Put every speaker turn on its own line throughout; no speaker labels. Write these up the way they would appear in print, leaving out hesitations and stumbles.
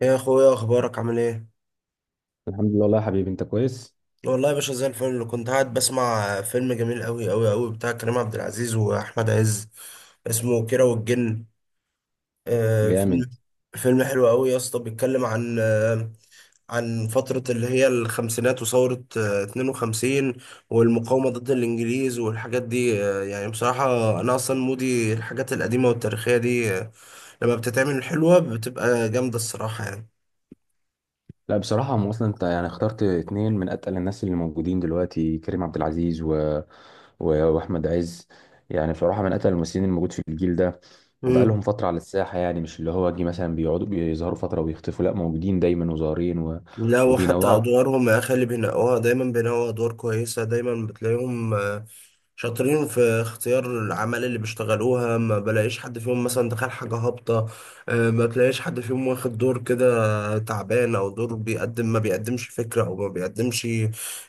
يا اخويا، اخبارك عامل ايه؟
الحمد لله والله يا حبيبي، انت كويس.
والله يا باشا، زي الفل. كنت قاعد بسمع فيلم جميل قوي قوي قوي بتاع كريم عبد العزيز واحمد عز، اسمه كيرة والجن. آه.
جامد.
فيلم حلو قوي يا اسطى، بيتكلم عن فترة اللي هي الخمسينات، وثورة 52 والمقاومة ضد الانجليز والحاجات دي. يعني بصراحة، انا اصلا مودي الحاجات القديمة والتاريخية دي. لما بتتعمل حلوة بتبقى جامدة الصراحة.
لا بصراحة، هم اصلا انت يعني اخترت اتنين من اتقل الناس اللي موجودين دلوقتي، كريم عبد العزيز واحمد عز. يعني بصراحة من اتقل الممثلين الموجود في الجيل ده،
يعني.
وبقالهم فترة على الساحة، يعني مش اللي هو جه مثلا بيقعدوا بيظهروا فترة ويختفوا، لا موجودين دايما وظاهرين
لا، وحتى
وبينوعوا.
ادوارهم يا اخي اللي بينقوها، دايما بينقوا ادوار كويسه. دايما بتلاقيهم شاطرين في اختيار العمل اللي بيشتغلوها. ما بلاقيش حد فيهم مثلا دخل حاجة هابطة. ما بلاقيش حد فيهم واخد دور كده تعبان، أو دور بيقدم ما بيقدمش فكرة، أو ما بيقدمش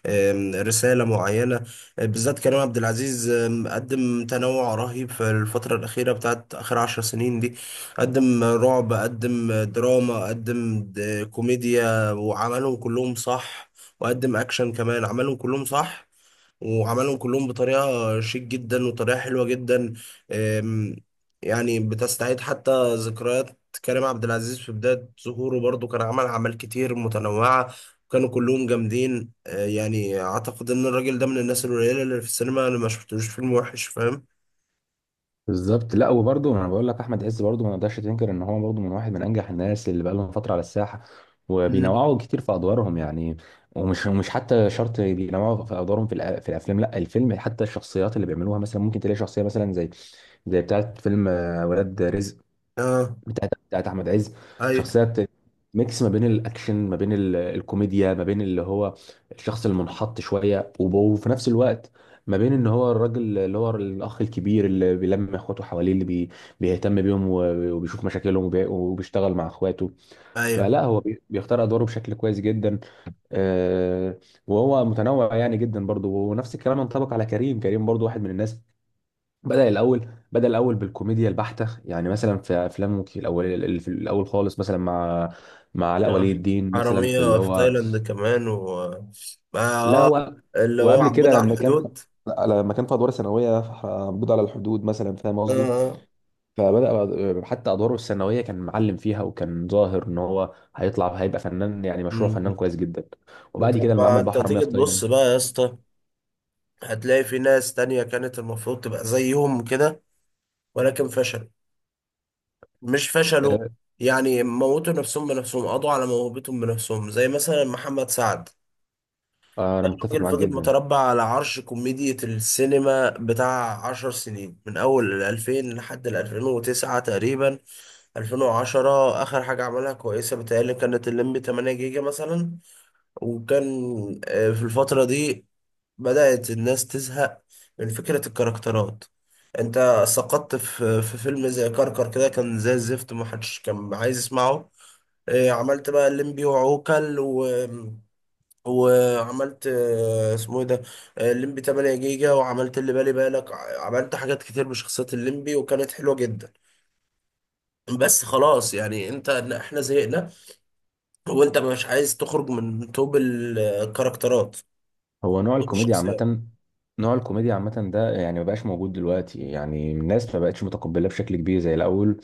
رسالة معينة. بالذات كريم عبد العزيز، قدم تنوع رهيب في الفترة الأخيرة، بتاعت آخر عشر سنين دي. قدم رعب، قدم دراما، قدم كوميديا وعملهم كلهم صح. وقدم أكشن كمان، عملهم كلهم صح. وعملهم كلهم بطريقة شيك جدا، وطريقة حلوة جدا. أم، يعني بتستعيد حتى ذكريات. كريم عبد العزيز في بداية ظهوره برضو كان عمل أعمال كتير متنوعة، وكانوا كلهم جامدين. يعني أعتقد إن الراجل ده من الناس القليلة اللي في السينما، اللي ما شفتلوش فيلم وحش. فاهم؟
بالظبط. لا وبرضه انا بقول لك، احمد عز برضه ما نقدرش تنكر ان هو برضه من واحد من انجح الناس اللي بقى لهم فتره على الساحه،
مم.
وبينوعوا كتير في ادوارهم يعني. ومش مش حتى شرط بينوعوا في ادوارهم، في الافلام، لا الفيلم حتى الشخصيات اللي بيعملوها. مثلا ممكن تلاقي شخصيه مثلا زي بتاعه فيلم ولاد رزق،
آه.
بتاعت احمد عز.
أيوه،
شخصيات ميكس ما بين الاكشن، ما بين الكوميديا، ما بين اللي هو الشخص المنحط شويه، وفي نفس الوقت ما بين ان هو الراجل اللي هو الاخ الكبير اللي بيلم اخواته حواليه، اللي بيهتم بيهم، وبيشوف مشاكلهم، وبيشتغل مع اخواته.
أيوه.
فلا هو بيختار ادواره بشكل كويس جدا. آه، وهو متنوع يعني جدا برضه، ونفس الكلام ينطبق على كريم. كريم برضه واحد من الناس بدأ الأول بالكوميديا البحتة. يعني مثلا في أفلام الأول، اللي في الأول خالص مثلا مع علاء
يا.
ولي الدين، مثلا في اللي
حرامية في
هو.
تايلاند كمان. و آه.
لا.
آه، اللي هو
وقبل
عبود
كده
على
لما كان.
الحدود.
لا، لما كان في ادوار ثانويه، موجود على الحدود مثلا، فاهم
آه،
قصدي.
آه.
فبدأ حتى أدواره الثانوية كان معلم فيها، وكان ظاهر إن هو هيطلع هيبقى فنان، يعني مشروع
مم.
فنان كويس جدا. وبعد كده
طب
لما
ما
عمل
انت
بحر مياه
تيجي
في
تبص
تايلاند.
بقى يا اسطى، هتلاقي في ناس تانية كانت المفروض تبقى زيهم كده، ولكن فشلوا. مش فشلوا، يعني موتوا نفسهم بنفسهم، قضوا على موهبتهم بنفسهم، زي مثلا محمد سعد.
أنا متفق
راجل
معاك
فضل
جدا.
متربع على عرش كوميديا السينما بتاع عشر سنين، من أول 2000 لحد 2009 تقريبا، 2010 آخر حاجة عملها كويسة. بتهيألي كانت الليمبي 8 جيجا مثلا. وكان، في الفترة دي بدأت الناس تزهق من فكرة الكاركترات. انت سقطت في فيلم زي كركر كده، كان زي الزفت، محدش كان عايز يسمعه. إيه، عملت بقى الليمبي وعوكل. و... وعملت، اسمه ايه ده، الليمبي 8 جيجا، وعملت اللي بالي بالك. عملت حاجات كتير بشخصية الليمبي، وكانت حلوة جدا. بس خلاص يعني انت، احنا زهقنا، وانت مش عايز تخرج من توب الكاركترات،
هو
توب الشخصيات.
نوع الكوميديا عامة ده يعني ما بقاش موجود دلوقتي، يعني الناس ما بقتش متقبلة بشكل كبير زي الأول.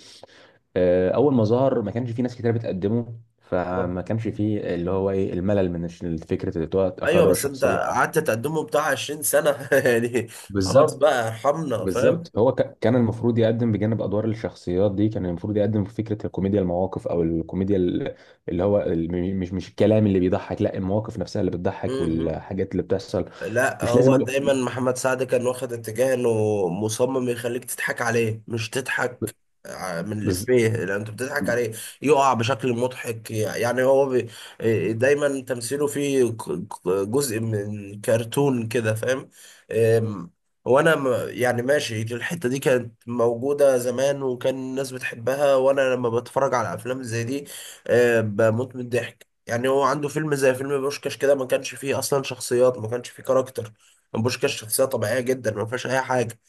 أول ما ظهر ما كانش في ناس كتير بتقدمه، فما كانش فيه اللي هو إيه الملل من الفكرة اللي هو
ايوه،
أكرر
بس انت
شخصية.
قعدت تقدمه بتاع 20 سنه يعني. خلاص
بالظبط.
بقى، ارحمنا فاهم.
بالظبط هو كان المفروض يقدم بجانب أدوار الشخصيات دي، كان المفروض يقدم في فكرة الكوميديا المواقف، أو الكوميديا اللي هو مش الكلام اللي بيضحك، لا المواقف نفسها اللي
م-
بتضحك،
م.
والحاجات اللي بتحصل.
لا،
مش لازم
هو
أقول.
دايما محمد سعد كان واخد اتجاه انه مصمم يخليك تضحك عليه، مش تضحك من
بز...
الإفيه، لأن أنت بتضحك عليه. يقع بشكل مضحك، يعني هو. دايما تمثيله فيه جزء من كرتون كده، فاهم؟ أم، وأنا يعني ماشي، الحتة دي كانت موجودة زمان، وكان الناس بتحبها. وأنا لما بتفرج على أفلام زي دي، بموت من الضحك. يعني هو عنده فيلم زي فيلم بوشكاش كده، ما كانش فيه اصلا شخصيات، ما كانش فيه كاركتر. بوشكاش شخصية طبيعية جدا، ما فيهاش اي حاجة.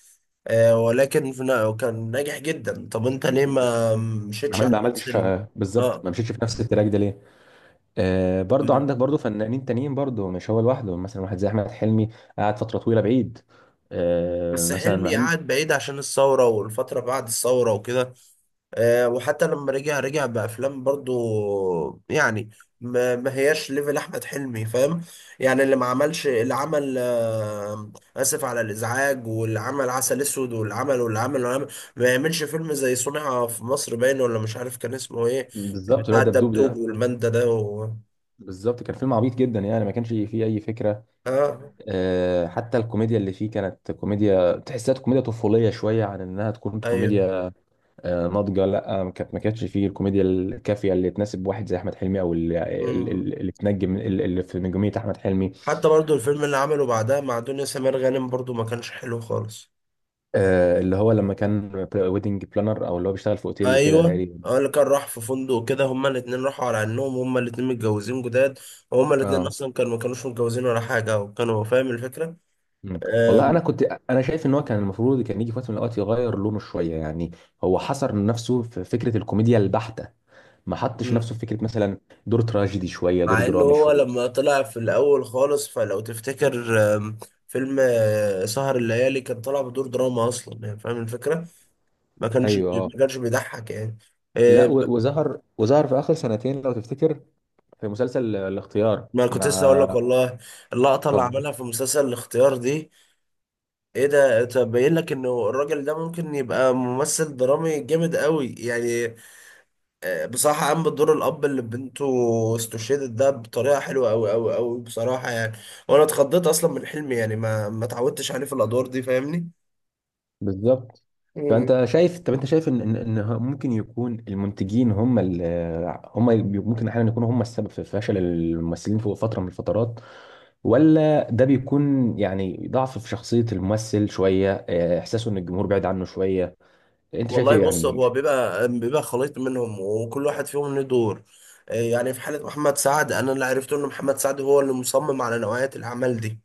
آه، ولكن كان ناجح جدا. طب انت ليه ما مشيتش على
ما
نفس
عملتش. بالظبط
اه.
ما مشيتش في نفس التراك ده ليه. برضو
م.
عندك برضو فنانين تانيين، برضو مش هو لوحده، مثلا واحد زي احمد حلمي قعد فتره طويله بعيد.
بس
مثلا مع
حلمي
ان.
قعد بعيد عشان الثورة والفترة بعد الثورة وكده. وحتى لما رجع بأفلام برضو، يعني ما هياش ليفل أحمد حلمي، فاهم؟ يعني اللي ما عملش، اللي عمل آسف على الإزعاج، واللي عمل عسل أسود، واللي عمل واللي عمل واللي عمل، ما يعملش فيلم زي صنع في مصر، باين ولا مش عارف كان اسمه إيه،
بالظبط اللي هو
بتاع
دبدوب
الدبدوب
ده.
والمندة ده. و...
بالظبط كان فيلم عبيط جدا، يعني ما كانش فيه اي فكره.
آه.
حتى الكوميديا اللي فيه كانت كوميديا، تحسها كوميديا طفوليه شويه عن انها تكون
أيوه.
كوميديا ناضجه. لا ما كانتش فيه الكوميديا الكافيه اللي تناسب واحد زي احمد حلمي، او اللي, اللي,
مم.
اللي تنجم اللي في نجوميه احمد حلمي.
حتى برضو الفيلم اللي عمله بعدها مع دنيا سمير غانم، برضو ما كانش حلو خالص.
اللي هو لما كان ويدنج بلانر، او اللي هو بيشتغل في اوتيل وكده
ايوه،
تقريبا.
اللي كان راح في فندق كده، هما الاتنين راحوا على انهم هما الاتنين متجوزين جداد، وهما الاتنين
اه.
اصلا كانوا ما كانوش متجوزين ولا حاجه، وكانوا، فاهم الفكره.
مم. والله
آم،
انا كنت، انا شايف ان هو كان المفروض كان يجي في وقت من الاوقات يغير لونه شويه، يعني هو حصر نفسه في فكره الكوميديا البحته، ما حطش
مم.
نفسه في فكره مثلا دور تراجيدي شويه، دور
مع انه
درامي
هو
شويه.
لما طلع في الاول خالص، فلو تفتكر، فيلم سهر الليالي، كان طالع بدور دراما اصلا، يعني فاهم الفكره. ما كانش
ايوه اه.
ما كانش بيضحك يعني.
لا
آه،
وظهر في اخر سنتين لو تفتكر في مسلسل الاختيار
ما كنت لسه اقول
مع.
لك والله، اللقطه اللي
طب.
عملها في مسلسل الاختيار دي، ايه ده! طب باين لك انه الراجل ده ممكن يبقى ممثل درامي جامد قوي يعني. بصراحة قام بدور الاب اللي بنته استشهدت ده بطريقة حلوة قوي قوي قوي بصراحة يعني. وانا اتخضيت اصلا من حلمي، يعني ما اتعودتش عليه في الادوار دي، فاهمني؟
بالظبط.
مم.
فانت شايف طب انت شايف ممكن يكون المنتجين هم، ممكن احيانا يكونوا هم السبب في فشل الممثلين في فتره من الفترات، ولا ده بيكون يعني ضعف في شخصيه الممثل شويه، احساسه ان الجمهور بعيد عنه شويه. انت شايف
والله
ايه
بص،
يعني؟
هو بيبقى خليط منهم، وكل واحد فيهم له دور. يعني في حالة محمد سعد، انا اللي عرفته ان محمد سعد هو اللي مصمم على نوعية الاعمال دي.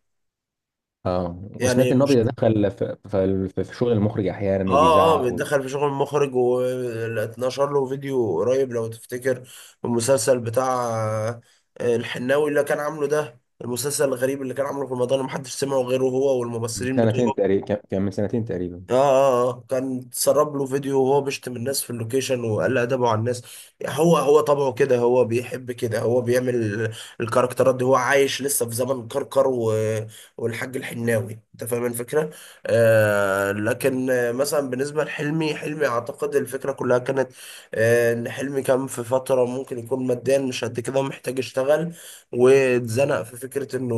اه. وسمعت
يعني
ان هو بيتدخل في شغل المخرج
اه،
احيانا،
اه،
وبيزعق
بيتدخل في شغل المخرج، واتنشر له فيديو قريب لو تفتكر، المسلسل بتاع الحناوي، اللي كان عامله ده، المسلسل الغريب اللي كان عامله في رمضان، ومحدش سمعه غيره هو
من
والممثلين
سنتين
بتوعه.
تقريبا، كان من سنتين تقريبا.
اه، اه، آه. كان اتسرب له فيديو وهو بيشتم الناس في اللوكيشن، وقل ادبه على الناس. هو هو طبعه كده، هو بيحب كده، هو بيعمل الكاركترات دي. هو عايش لسه في زمن كركر، و... والحاج الحناوي، انت فاهم الفكره. آه، لكن مثلا بالنسبه لحلمي، حلمي اعتقد الفكره كلها كانت ان حلمي كان في فتره ممكن يكون ماديا مش قد كده، ومحتاج يشتغل، واتزنق في فكره انه،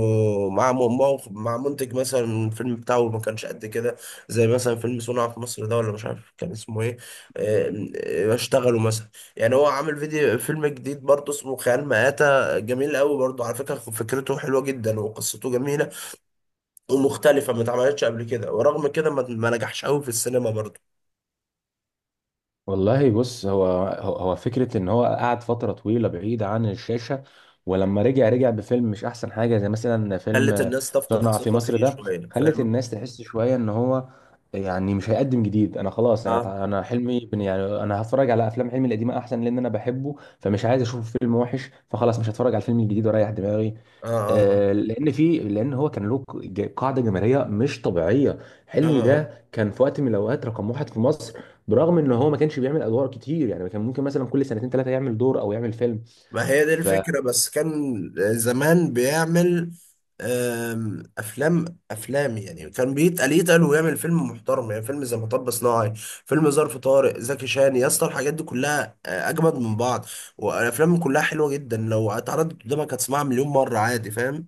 مع م- مع منتج مثلا، الفيلم بتاعه ما كانش قد كده، زي مثلا فيلم صنع في مصر ده، ولا مش عارف كان اسمه ايه. آه، اشتغلوا مثلا، يعني هو عامل فيديو فيلم جديد برضه اسمه خيال مآتة، جميل قوي برضه على فكرة، فكرته حلوة جدا وقصته جميلة، ومختلفة ما اتعملتش قبل كده، ورغم كده ما نجحش قوي في السينما برضه.
والله بص هو فكرة ان هو قعد فترة طويلة بعيد عن الشاشة، ولما رجع رجع بفيلم مش احسن حاجة، زي مثلا
خلت
فيلم
الناس تفقد
صنع في
الثقة
مصر
فيه
ده.
شوية،
خلت
فاهم؟
الناس تحس شوية ان هو يعني مش هيقدم جديد. انا خلاص، انا
اه،
تع- انا حلمي، يعني انا هتفرج على افلام حلمي القديمة احسن، لان انا بحبه، فمش عايز اشوف فيلم وحش، فخلاص مش هتفرج على الفيلم الجديد واريح دماغي.
اه، اه،
لان هو كان له قاعده جماهيريه مش طبيعيه.
اه،
حلمي
آه.
ده كان في وقت من الاوقات رقم واحد في مصر، برغم ان هو ما كانش بيعمل ادوار كتير، يعني كان ممكن مثلا كل سنتين ثلاثه يعمل دور او يعمل فيلم.
ما هي دي
ف...
الفكرة، بس كان زمان بيعمل أفلام. أفلام يعني، كان بيتقل يتقل ويعمل فيلم محترم، يعني فيلم زي مطب صناعي، فيلم ظرف طارق، زكي شان يا اسطى، الحاجات دي كلها أجمد من بعض. والأفلام كلها حلوة جدا، لو اتعرضت قدامك هتسمعها مليون مرة عادي، فاهم؟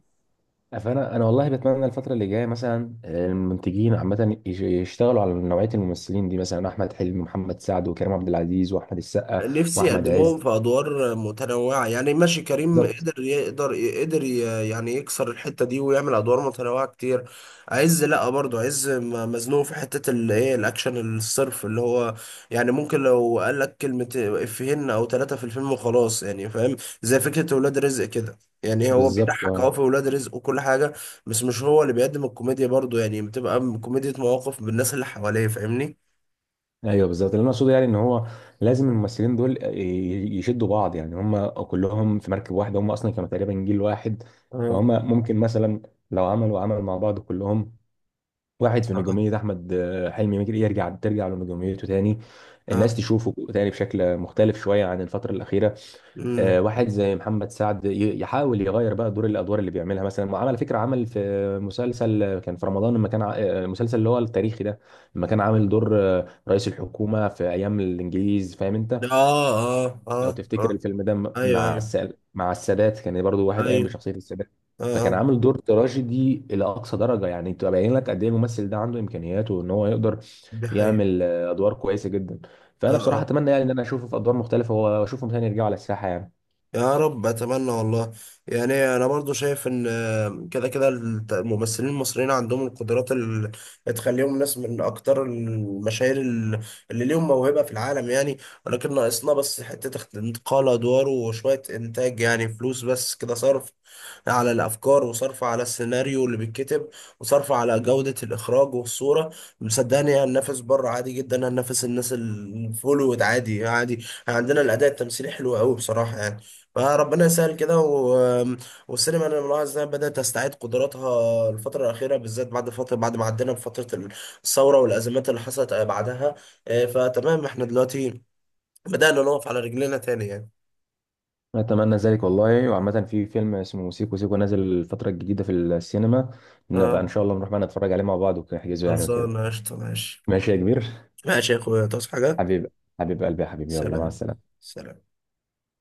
فانا والله بتمنى الفتره اللي جايه مثلا، المنتجين عامه يشتغلوا على نوعيه الممثلين دي، مثلا احمد حلمي، ومحمد سعد، وكريم عبد العزيز، واحمد السقا،
نفسي
واحمد
يقدموهم
عز.
في ادوار متنوعه، يعني ماشي، كريم
بالظبط.
قدر يقدر، قدر يعني يكسر الحته دي ويعمل ادوار متنوعه كتير. عز لا، برضو عز مزنوق في حته الايه، الاكشن الصرف، اللي هو يعني ممكن لو قال لك كلمه افيهين او ثلاثه في الفيلم وخلاص، يعني فاهم، زي فكره ولاد رزق كده. يعني هو
بالظبط.
بيضحك
اه.
اه في ولاد رزق وكل حاجه، بس مش هو اللي بيقدم الكوميديا برضو. يعني بتبقى كوميديا مواقف بالناس اللي حواليه، فاهمني؟
ايوه بالظبط، اللي انا اقصده يعني ان هو لازم الممثلين دول يشدوا بعض، يعني هم كلهم في مركب واحده، هم اصلا كانوا تقريبا جيل واحد. فهم
آه.
ممكن مثلا لو عملوا عمل مع بعض كلهم، واحد في
اه،
نجوميه احمد حلمي ممكن ترجع لنجوميته تاني، الناس
اه.
تشوفه تاني بشكل مختلف شويه عن الفتره الاخيره.
مم.
واحد زي محمد سعد يحاول يغير بقى الادوار اللي بيعملها. مثلا على فكره عمل في مسلسل كان في رمضان، لما كان المسلسل اللي هو التاريخي ده، لما كان عامل دور رئيس الحكومه في ايام الانجليز، فاهم انت،
اه، اه،
لو
اه،
تفتكر
اه.
الفيلم ده
ايوه، ايوه،
مع السادات، كان برضو واحد قايم
ايوه.
بشخصيه السادات،
اه،
فكان
اه.
عامل دور تراجيدي الى اقصى درجه، يعني تبقى باين لك قد ايه الممثل ده عنده امكانيات، وان هو يقدر
دي حقيقة.
يعمل ادوار كويسه جدا. فانا
اه،
بصراحه
اه.
اتمنى يعني ان انا اشوفه في ادوار مختلفه، واشوفهم تاني يرجعوا على الساحه يعني.
يا رب اتمنى والله. يعني انا برضو شايف ان، كده كده الممثلين المصريين عندهم القدرات اللي تخليهم ناس من اكتر المشاهير اللي ليهم موهبة في العالم يعني. ولكن ناقصنا بس حتة انتقال ادوار، وشوية انتاج يعني، فلوس بس كده، صرف على الافكار، وصرف على السيناريو اللي بيتكتب، وصرف على جودة الاخراج والصورة. صدقني هننافس بره عادي جدا، هننافس الناس اللي في هوليوود عادي عادي، عندنا الاداء التمثيلي حلو قوي بصراحة يعني. فربنا يسهل كده. و... والسينما انا ملاحظ انها بدأت تستعيد قدراتها الفترة الأخيرة بالذات، بعد فترة، بعد ما عدينا بفترة الثورة والأزمات اللي حصلت بعدها. فتمام، احنا دلوقتي بدأنا نقف على رجلينا تاني يعني.
أتمنى ذلك والله. وعامة في فيلم اسمه سيكو سيكو نازل الفترة الجديدة في السينما، نبقى إن
اه.
شاء الله نروح بقى نتفرج عليه مع بعض ونحجزه يعني وكده.
خلصانة قشطة، ماشي.
ماشي يا كبير.
ماشي يا اخويا، تصحى حاجة.
حبيب حبيب قلبي يا حبيبي، يلا مع
سلام.
السلامة.
سلام.